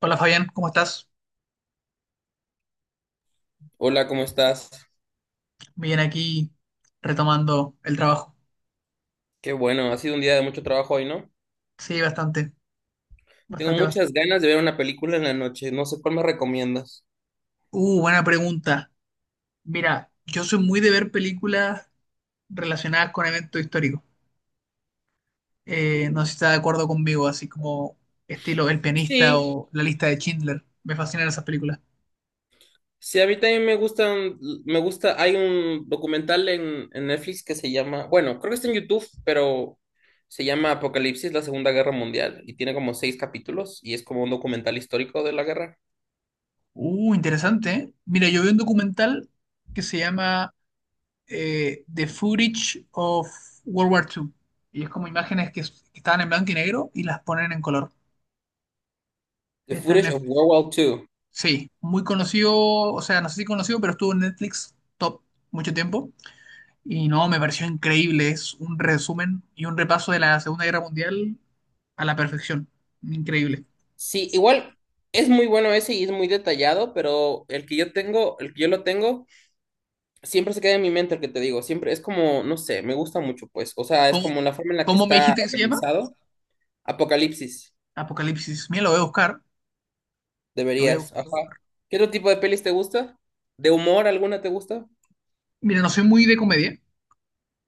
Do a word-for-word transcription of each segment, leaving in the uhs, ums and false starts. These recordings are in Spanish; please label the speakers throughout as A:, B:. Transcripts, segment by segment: A: Hola Fabián, ¿cómo estás?
B: Hola, ¿cómo estás?
A: Bien aquí retomando el trabajo.
B: Qué bueno, ha sido un día de mucho trabajo hoy, ¿no?
A: Sí, bastante,
B: Tengo
A: bastante,
B: muchas
A: bastante.
B: ganas de ver una película en la noche, no sé cuál me recomiendas.
A: Uh, buena pregunta. Mira, yo soy muy de ver películas relacionadas con eventos históricos. Eh, no sé si estás de acuerdo conmigo, así como estilo El pianista
B: Sí,
A: o La lista de Schindler. Me fascinan esas películas.
B: sí, a mí también me gustan, me gusta, hay un documental en, en Netflix que se llama, bueno, creo que está en YouTube, pero se llama Apocalipsis, la Segunda Guerra Mundial, y tiene como seis capítulos, y es como un documental histórico de la guerra.
A: Uh, interesante, ¿eh? Mira, yo vi un documental que se llama eh, The Footage of World War dos. Y es como imágenes que, que estaban en blanco y negro y las ponen en color.
B: The
A: Está en
B: Footage of
A: Netflix.
B: World War Two.
A: Sí, muy conocido, o sea, no sé si conocido, pero estuvo en Netflix top mucho tiempo. Y no, me pareció increíble. Es un resumen y un repaso de la Segunda Guerra Mundial a la perfección. Increíble.
B: Sí, igual es muy bueno ese y es muy detallado, pero el que yo tengo, el que yo lo tengo siempre se queda en mi mente lo que te digo, siempre es como, no sé, me gusta mucho, pues, o sea, es
A: ¿Cómo,
B: como la forma en la que
A: cómo me
B: está
A: dijiste que se llama?
B: organizado. Apocalipsis,
A: Apocalipsis. Mira, lo voy a buscar. Lo voy a
B: deberías,
A: buscar.
B: ajá. ¿Qué otro tipo de pelis te gusta? ¿De humor alguna te gusta?
A: Mira, no soy muy de comedia.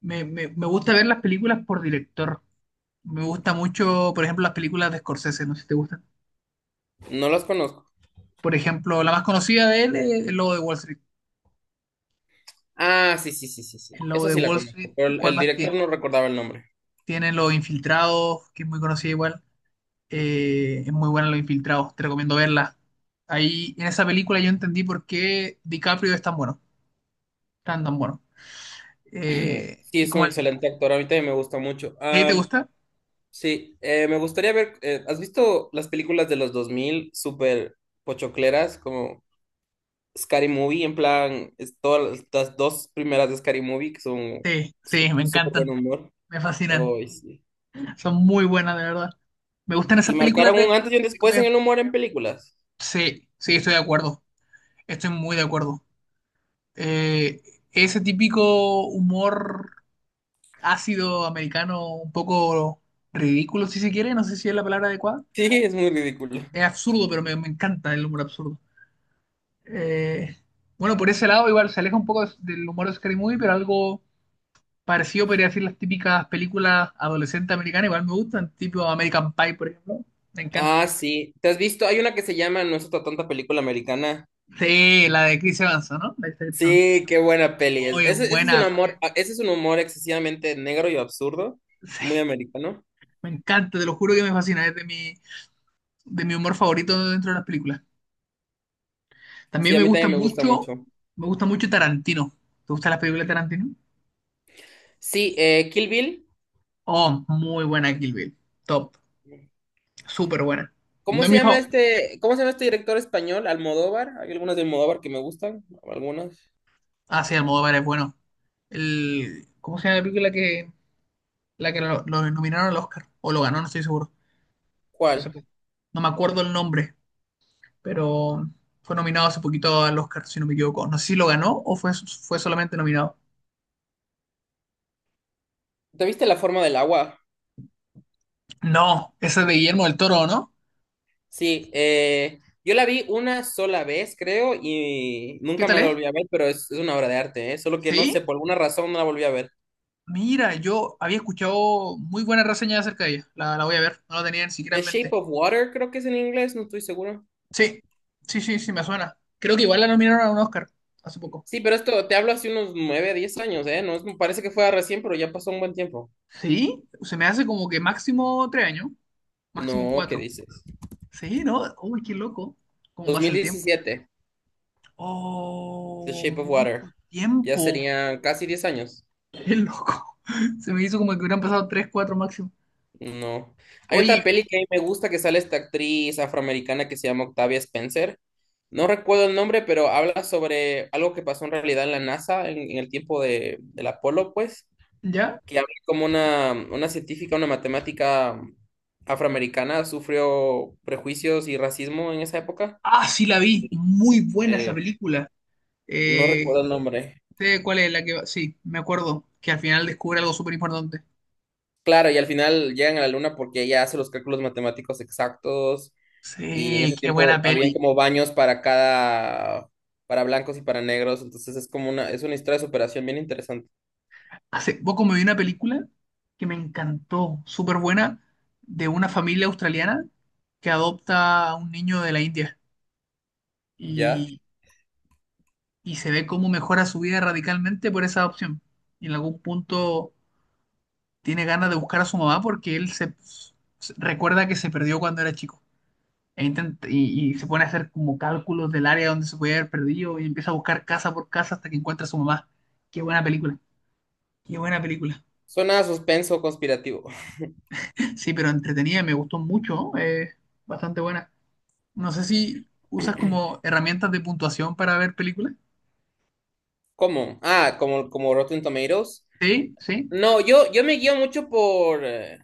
A: Me, me, me gusta ver las películas por director. Me gusta mucho, por ejemplo, las películas de Scorsese, no sé si te gustan.
B: No las conozco.
A: Por ejemplo, la más conocida de él es El Lobo de Wall Street.
B: Ah, sí, sí, sí, sí, sí,
A: El lobo
B: esa
A: de
B: sí la
A: Wall Street,
B: conozco, pero el,
A: ¿cuál
B: el
A: más
B: director
A: tiene?
B: no recordaba el nombre.
A: Tiene Los Infiltrados, que es muy conocida igual. Eh, es muy buena Los Infiltrados, te recomiendo verla. Ahí, en esa película yo entendí por qué DiCaprio es tan bueno, tan tan bueno. Eh,
B: Sí,
A: es
B: es un
A: como el...
B: excelente actor, a mí también me gusta mucho.
A: ¿Sí? ¿Te
B: Am,
A: gusta?
B: sí, eh, me gustaría ver, eh, ¿has visto las películas de los dos mil? Súper pochocleras, como Scary Movie, en plan, es todas las las dos primeras de Scary Movie que son
A: Sí,
B: su-
A: sí, me
B: súper buen
A: encantan,
B: humor.
A: me fascinan.
B: Ay, sí.
A: Son muy buenas, de verdad. Me gustan
B: Y
A: esas películas
B: marcaron
A: de,
B: un antes y un
A: de
B: después en
A: comedia.
B: el humor en películas.
A: Sí, sí, estoy de acuerdo. Estoy muy de acuerdo. Eh, Ese típico humor ácido americano un poco ridículo, si se quiere, no sé si es la palabra adecuada.
B: Sí, es muy ridículo.
A: Es absurdo, pero me, me encanta el humor absurdo. Eh, bueno, por ese lado igual se aleja un poco de- del humor de Scary Movie, pero algo parecido podría decir las típicas películas adolescentes americanas, igual me gustan, tipo American Pie, por ejemplo. Me encanta.
B: Ah, sí. ¿Te has visto? Hay una que se llama No es otra tonta película americana.
A: Sí, la de Chris Evans, ¿no? La de Chris Evans.
B: Sí, qué buena peli es.
A: Muy
B: Ese, ese es
A: buena.
B: un amor,
A: Eh,
B: ah, ese es un humor excesivamente negro y absurdo, muy
A: Sí,
B: americano.
A: me encanta, te lo juro que me fascina, es de mi, de mi humor favorito dentro de las películas.
B: Sí,
A: También
B: a
A: me
B: mí
A: gusta
B: también me gusta
A: mucho,
B: mucho.
A: me gusta mucho Tarantino. ¿Te gustan las películas de Tarantino?
B: Sí, eh, Kill Bill.
A: Oh, muy buena Kill Bill. Top. Súper buena.
B: ¿Cómo
A: No es
B: se
A: mi
B: llama
A: favorito.
B: este, cómo se llama este director español? Almodóvar. Hay algunas de Almodóvar que me gustan, algunas.
A: Ah, sí, Almodóvar es bueno. El, ¿cómo se llama la película que, la que lo, lo nominaron al Oscar? O lo ganó, no estoy seguro. No sé,
B: ¿Cuál?
A: no me acuerdo el nombre, pero fue nominado hace poquito al Oscar, si no me equivoco. No sé si lo ganó o fue, fue solamente nominado.
B: ¿Te viste La forma del agua?
A: No, esa es de Guillermo del Toro, ¿no?
B: Sí, eh, yo la vi una sola vez, creo, y
A: ¿Qué
B: nunca
A: tal
B: más la
A: es?
B: volví a ver, pero es, es una obra de arte, ¿eh? Solo que no
A: ¿Sí?
B: sé, por alguna razón no la volví a ver.
A: Mira, yo había escuchado muy buenas reseñas acerca de ella. La, la voy a ver, no la tenía ni siquiera
B: The
A: en
B: Shape
A: mente.
B: of Water, creo que es en inglés, no estoy seguro.
A: Sí, sí, sí, sí, me suena. Creo que igual la nominaron a un Oscar hace poco.
B: Sí, pero esto te hablo hace unos nueve, diez años, ¿eh? No, es- me parece que fue recién, pero ya pasó un buen tiempo.
A: Sí, se me hace como que máximo tres años, máximo
B: No, ¿qué
A: cuatro.
B: dices?
A: Sí, ¿no? Uy, qué loco. ¿Cómo pasa el tiempo?
B: dos mil diecisiete, The
A: Oh,
B: Shape of
A: mucho
B: Water. Ya
A: tiempo.
B: serían casi diez años.
A: Qué loco. Se me hizo como que hubieran pasado tres, cuatro máximo.
B: No. Hay otra
A: Oye,
B: peli que a mí me gusta que sale esta actriz afroamericana que se llama Octavia Spencer. No recuerdo el nombre, pero habla sobre algo que pasó en realidad en la NASA en, en el tiempo de, del Apolo, pues,
A: ¿ya?
B: que habla como una, una científica, una matemática afroamericana sufrió prejuicios y racismo en esa época.
A: Ah, sí, la vi.
B: Y,
A: Muy buena esa
B: eh,
A: película.
B: no
A: Eh,
B: recuerdo el nombre.
A: Sé cuál es la que va. Sí, me acuerdo que al final descubre algo súper importante.
B: Claro, y al final llegan a la luna porque ella hace los cálculos matemáticos exactos y en
A: Sí,
B: ese
A: qué
B: tiempo
A: buena
B: habían
A: peli.
B: como baños para cada, para blancos y para negros, entonces es como una, es una historia de superación bien interesante,
A: Hace poco me vi una película que me encantó, súper buena, de una familia australiana que adopta a un niño de la India
B: ¿ya?
A: y, y se ve cómo mejora su vida radicalmente por esa adopción. Y en algún punto tiene ganas de buscar a su mamá porque él se se- recuerda que se perdió cuando era chico. E intent- y, y se pone a hacer como cálculos del área donde se puede haber perdido y empieza a buscar casa por casa hasta que encuentra a su mamá. Qué buena película, qué buena película.
B: Suena a suspenso conspirativo.
A: Sí, pero entretenida, me gustó mucho, eh, bastante buena. No sé si usas como herramientas de puntuación para ver películas.
B: ¿Cómo? Ah, como, como Rotten Tomatoes.
A: Sí, sí,
B: No, yo, yo me guío mucho por, eh,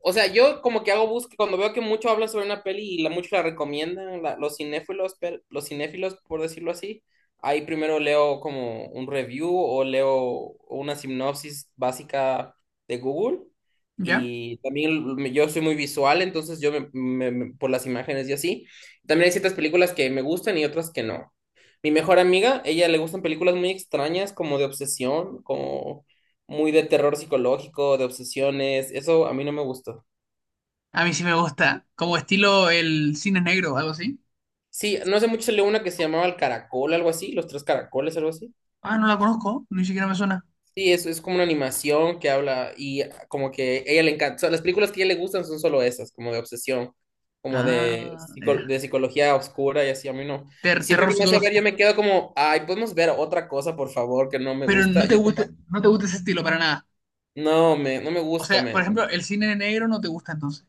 B: o sea, yo como que hago búsqueda, cuando veo que mucho habla sobre una peli y la, mucho la recomiendan, la- los cinéfilos, per- los cinéfilos, por decirlo así, ahí primero leo como un review o leo una sinopsis básica de Google.
A: ya.
B: Y también me- yo soy muy visual, entonces yo me- me- me- por las imágenes y así. También hay ciertas películas que me gustan y otras que no. Mi mejor amiga, ella le gustan películas muy extrañas, como de obsesión, como muy de terror psicológico, de obsesiones. Eso a mí no me gustó.
A: A mí sí me gusta, como estilo el cine negro, algo así.
B: Sí, no hace mucho salió una que se llamaba El Caracol, algo así, Los Tres Caracoles, algo así.
A: Ah, no la conozco, ni siquiera me suena.
B: Sí, es, es como una animación que habla y como que ella le encanta, o sea, las películas que a ella le gustan son solo esas, como de obsesión, como de,
A: Ah,
B: psico-
A: ya.
B: de psicología oscura y así, a mí no. Y
A: Ter-
B: siempre
A: terror
B: que me hace ver,
A: psicológico.
B: yo me quedo como, ay, podemos ver otra cosa, por favor, que no me
A: Pero no
B: gusta.
A: te
B: Yo soy
A: gusta,
B: más-
A: no te gusta ese estilo para nada.
B: no, me, no me
A: O
B: gusta,
A: sea, por
B: me...
A: ejemplo, el cine negro no te gusta entonces.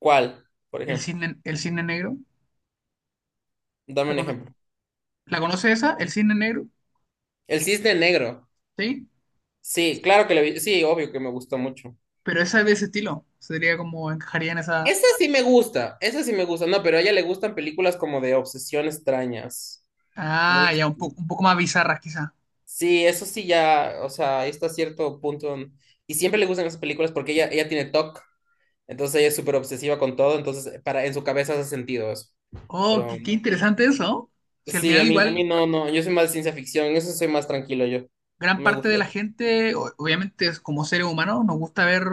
B: ¿Cuál, por
A: El
B: ejemplo?
A: cine, el cine negro,
B: Dame
A: ¿la
B: un
A: cono-
B: ejemplo.
A: ¿la conoces esa? El cine negro,
B: El Cisne Negro.
A: ¿sí?
B: Sí, claro que le vi, sí, obvio que me gustó mucho.
A: Pero esa es de ese estilo. Sería como encajaría en esa.
B: Esa sí me gusta, esa sí me gusta. No, pero a ella le gustan películas como de obsesión extrañas. Muy,
A: Ah,
B: ex-
A: ya, un poco, un poco más bizarras quizá.
B: sí, eso sí ya, o sea, ahí está cierto punto. Y siempre le gustan esas películas porque ella, ella tiene TOC, entonces ella es súper obsesiva con todo, entonces para, en su cabeza hace sentido eso.
A: Oh,
B: Pero
A: qué, qué interesante eso. ¿No? Si al
B: sí, a
A: final
B: mí, a mí
A: igual
B: no, no, yo soy más de ciencia ficción, en eso soy más tranquilo yo.
A: gran
B: No me
A: parte
B: gusta.
A: de la gente, o- obviamente es como seres humanos, nos gusta ver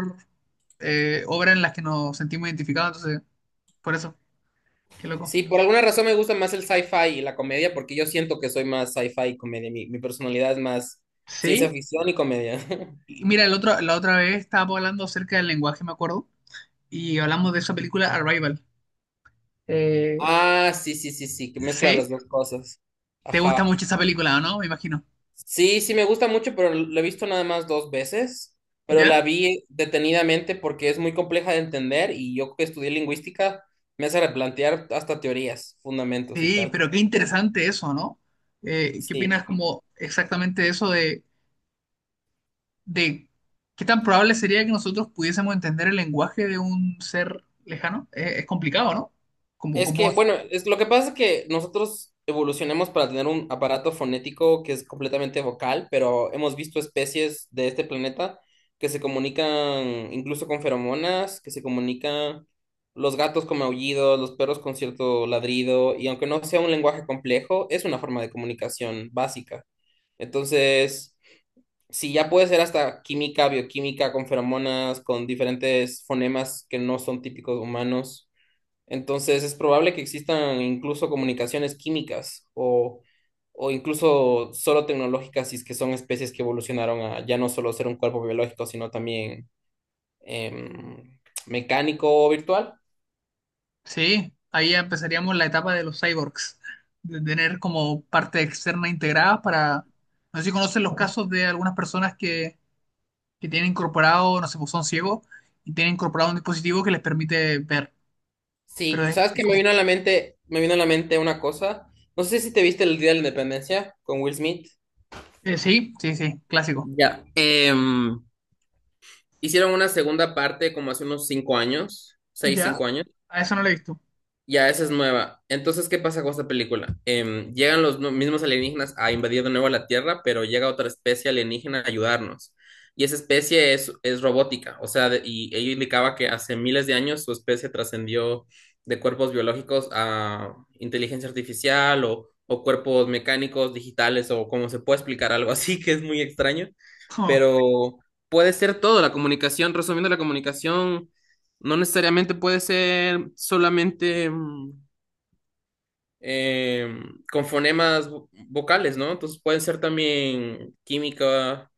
A: eh, obras en las que nos sentimos identificados, entonces, por eso, qué loco.
B: Sí, por alguna razón me gusta más el sci-fi y la comedia porque yo siento que soy más sci-fi y comedia. Mi, mi personalidad es más ciencia
A: Sí.
B: ficción y comedia.
A: Y mira, el otro, la otra vez estábamos hablando acerca del lenguaje, me acuerdo. Y hablamos de esa película Arrival. Eh,
B: Ah, sí, sí, sí, sí, que mezcla
A: ¿Sí?
B: las dos cosas.
A: ¿Te gusta
B: Ajá.
A: mucho esa película, o no? Me imagino.
B: Sí, sí, me gusta mucho, pero la he visto nada más dos veces, pero la
A: ¿Ya?
B: vi detenidamente porque es muy compleja de entender y yo que estudié lingüística me hace replantear hasta teorías, fundamentos y
A: Sí,
B: tal.
A: pero qué interesante eso, ¿no? Eh, ¿qué
B: Sí.
A: opinas como exactamente eso de, de qué tan probable sería que nosotros pudiésemos entender el lenguaje de un ser lejano? Eh, es complicado, ¿no? Como,
B: Es
A: como,
B: que, bueno, es, lo que pasa es que nosotros evolucionamos para tener un aparato fonético que es completamente vocal, pero hemos visto especies de este planeta que se comunican incluso con feromonas, que se comunican los gatos con maullidos, los perros con cierto ladrido, y aunque no sea un lenguaje complejo, es una forma de comunicación básica. Entonces, si ya puede ser hasta química, bioquímica, con feromonas, con diferentes fonemas que no son típicos humanos. Entonces es probable que existan incluso comunicaciones químicas o, o incluso solo tecnológicas, si es que son especies que evolucionaron a ya no solo ser un cuerpo biológico, sino también em, mecánico o virtual.
A: sí, ahí ya empezaríamos la etapa de los cyborgs, de tener como parte externa integrada para... No sé si conocen los casos de algunas personas que que tienen incorporado, no sé, pues son ciegos y tienen incorporado un dispositivo que les permite ver. Pero
B: Sí,
A: es,
B: ¿sabes
A: es
B: qué me
A: como,
B: vino a la mente? Me vino a la mente una cosa. No sé si te viste el Día de la Independencia con Will Smith.
A: eh, sí, sí, sí, clásico.
B: Ya. Em, hicieron una segunda parte como hace unos cinco años, seis,
A: Ya,
B: cinco años.
A: a eso no lo he visto.
B: Ya, esa es nueva. Entonces, ¿qué pasa con esta película? Em, llegan los nu- mismos alienígenas a invadir de nuevo la Tierra, pero llega otra especie alienígena a ayudarnos. Y esa especie es, es robótica, o sea, de- y ella indicaba que hace miles de años su especie trascendió de cuerpos biológicos a inteligencia artificial o, o cuerpos mecánicos, digitales, o como se puede explicar algo así, que es muy extraño,
A: Oh,
B: pero puede ser todo, la comunicación, resumiendo la comunicación. No necesariamente puede ser solamente mm, eh, con fonemas vo- vocales, ¿no? Entonces puede ser también química,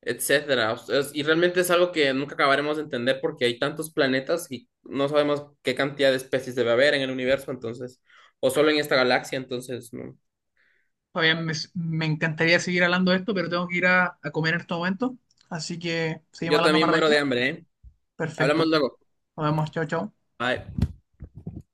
B: etcétera. O sea, es- y realmente es algo que nunca acabaremos de entender porque hay tantos planetas y no sabemos qué cantidad de especies debe haber en el universo, entonces, o solo en esta galaxia, entonces, no.
A: todavía me, me encantaría seguir hablando de esto, pero tengo que ir a, a comer en este momento. Así que seguimos
B: Yo
A: hablando
B: también
A: más
B: muero
A: ratito.
B: de hambre, ¿eh? Hablamos
A: Perfecto.
B: luego.
A: Nos vemos, chao, chao.
B: Bye.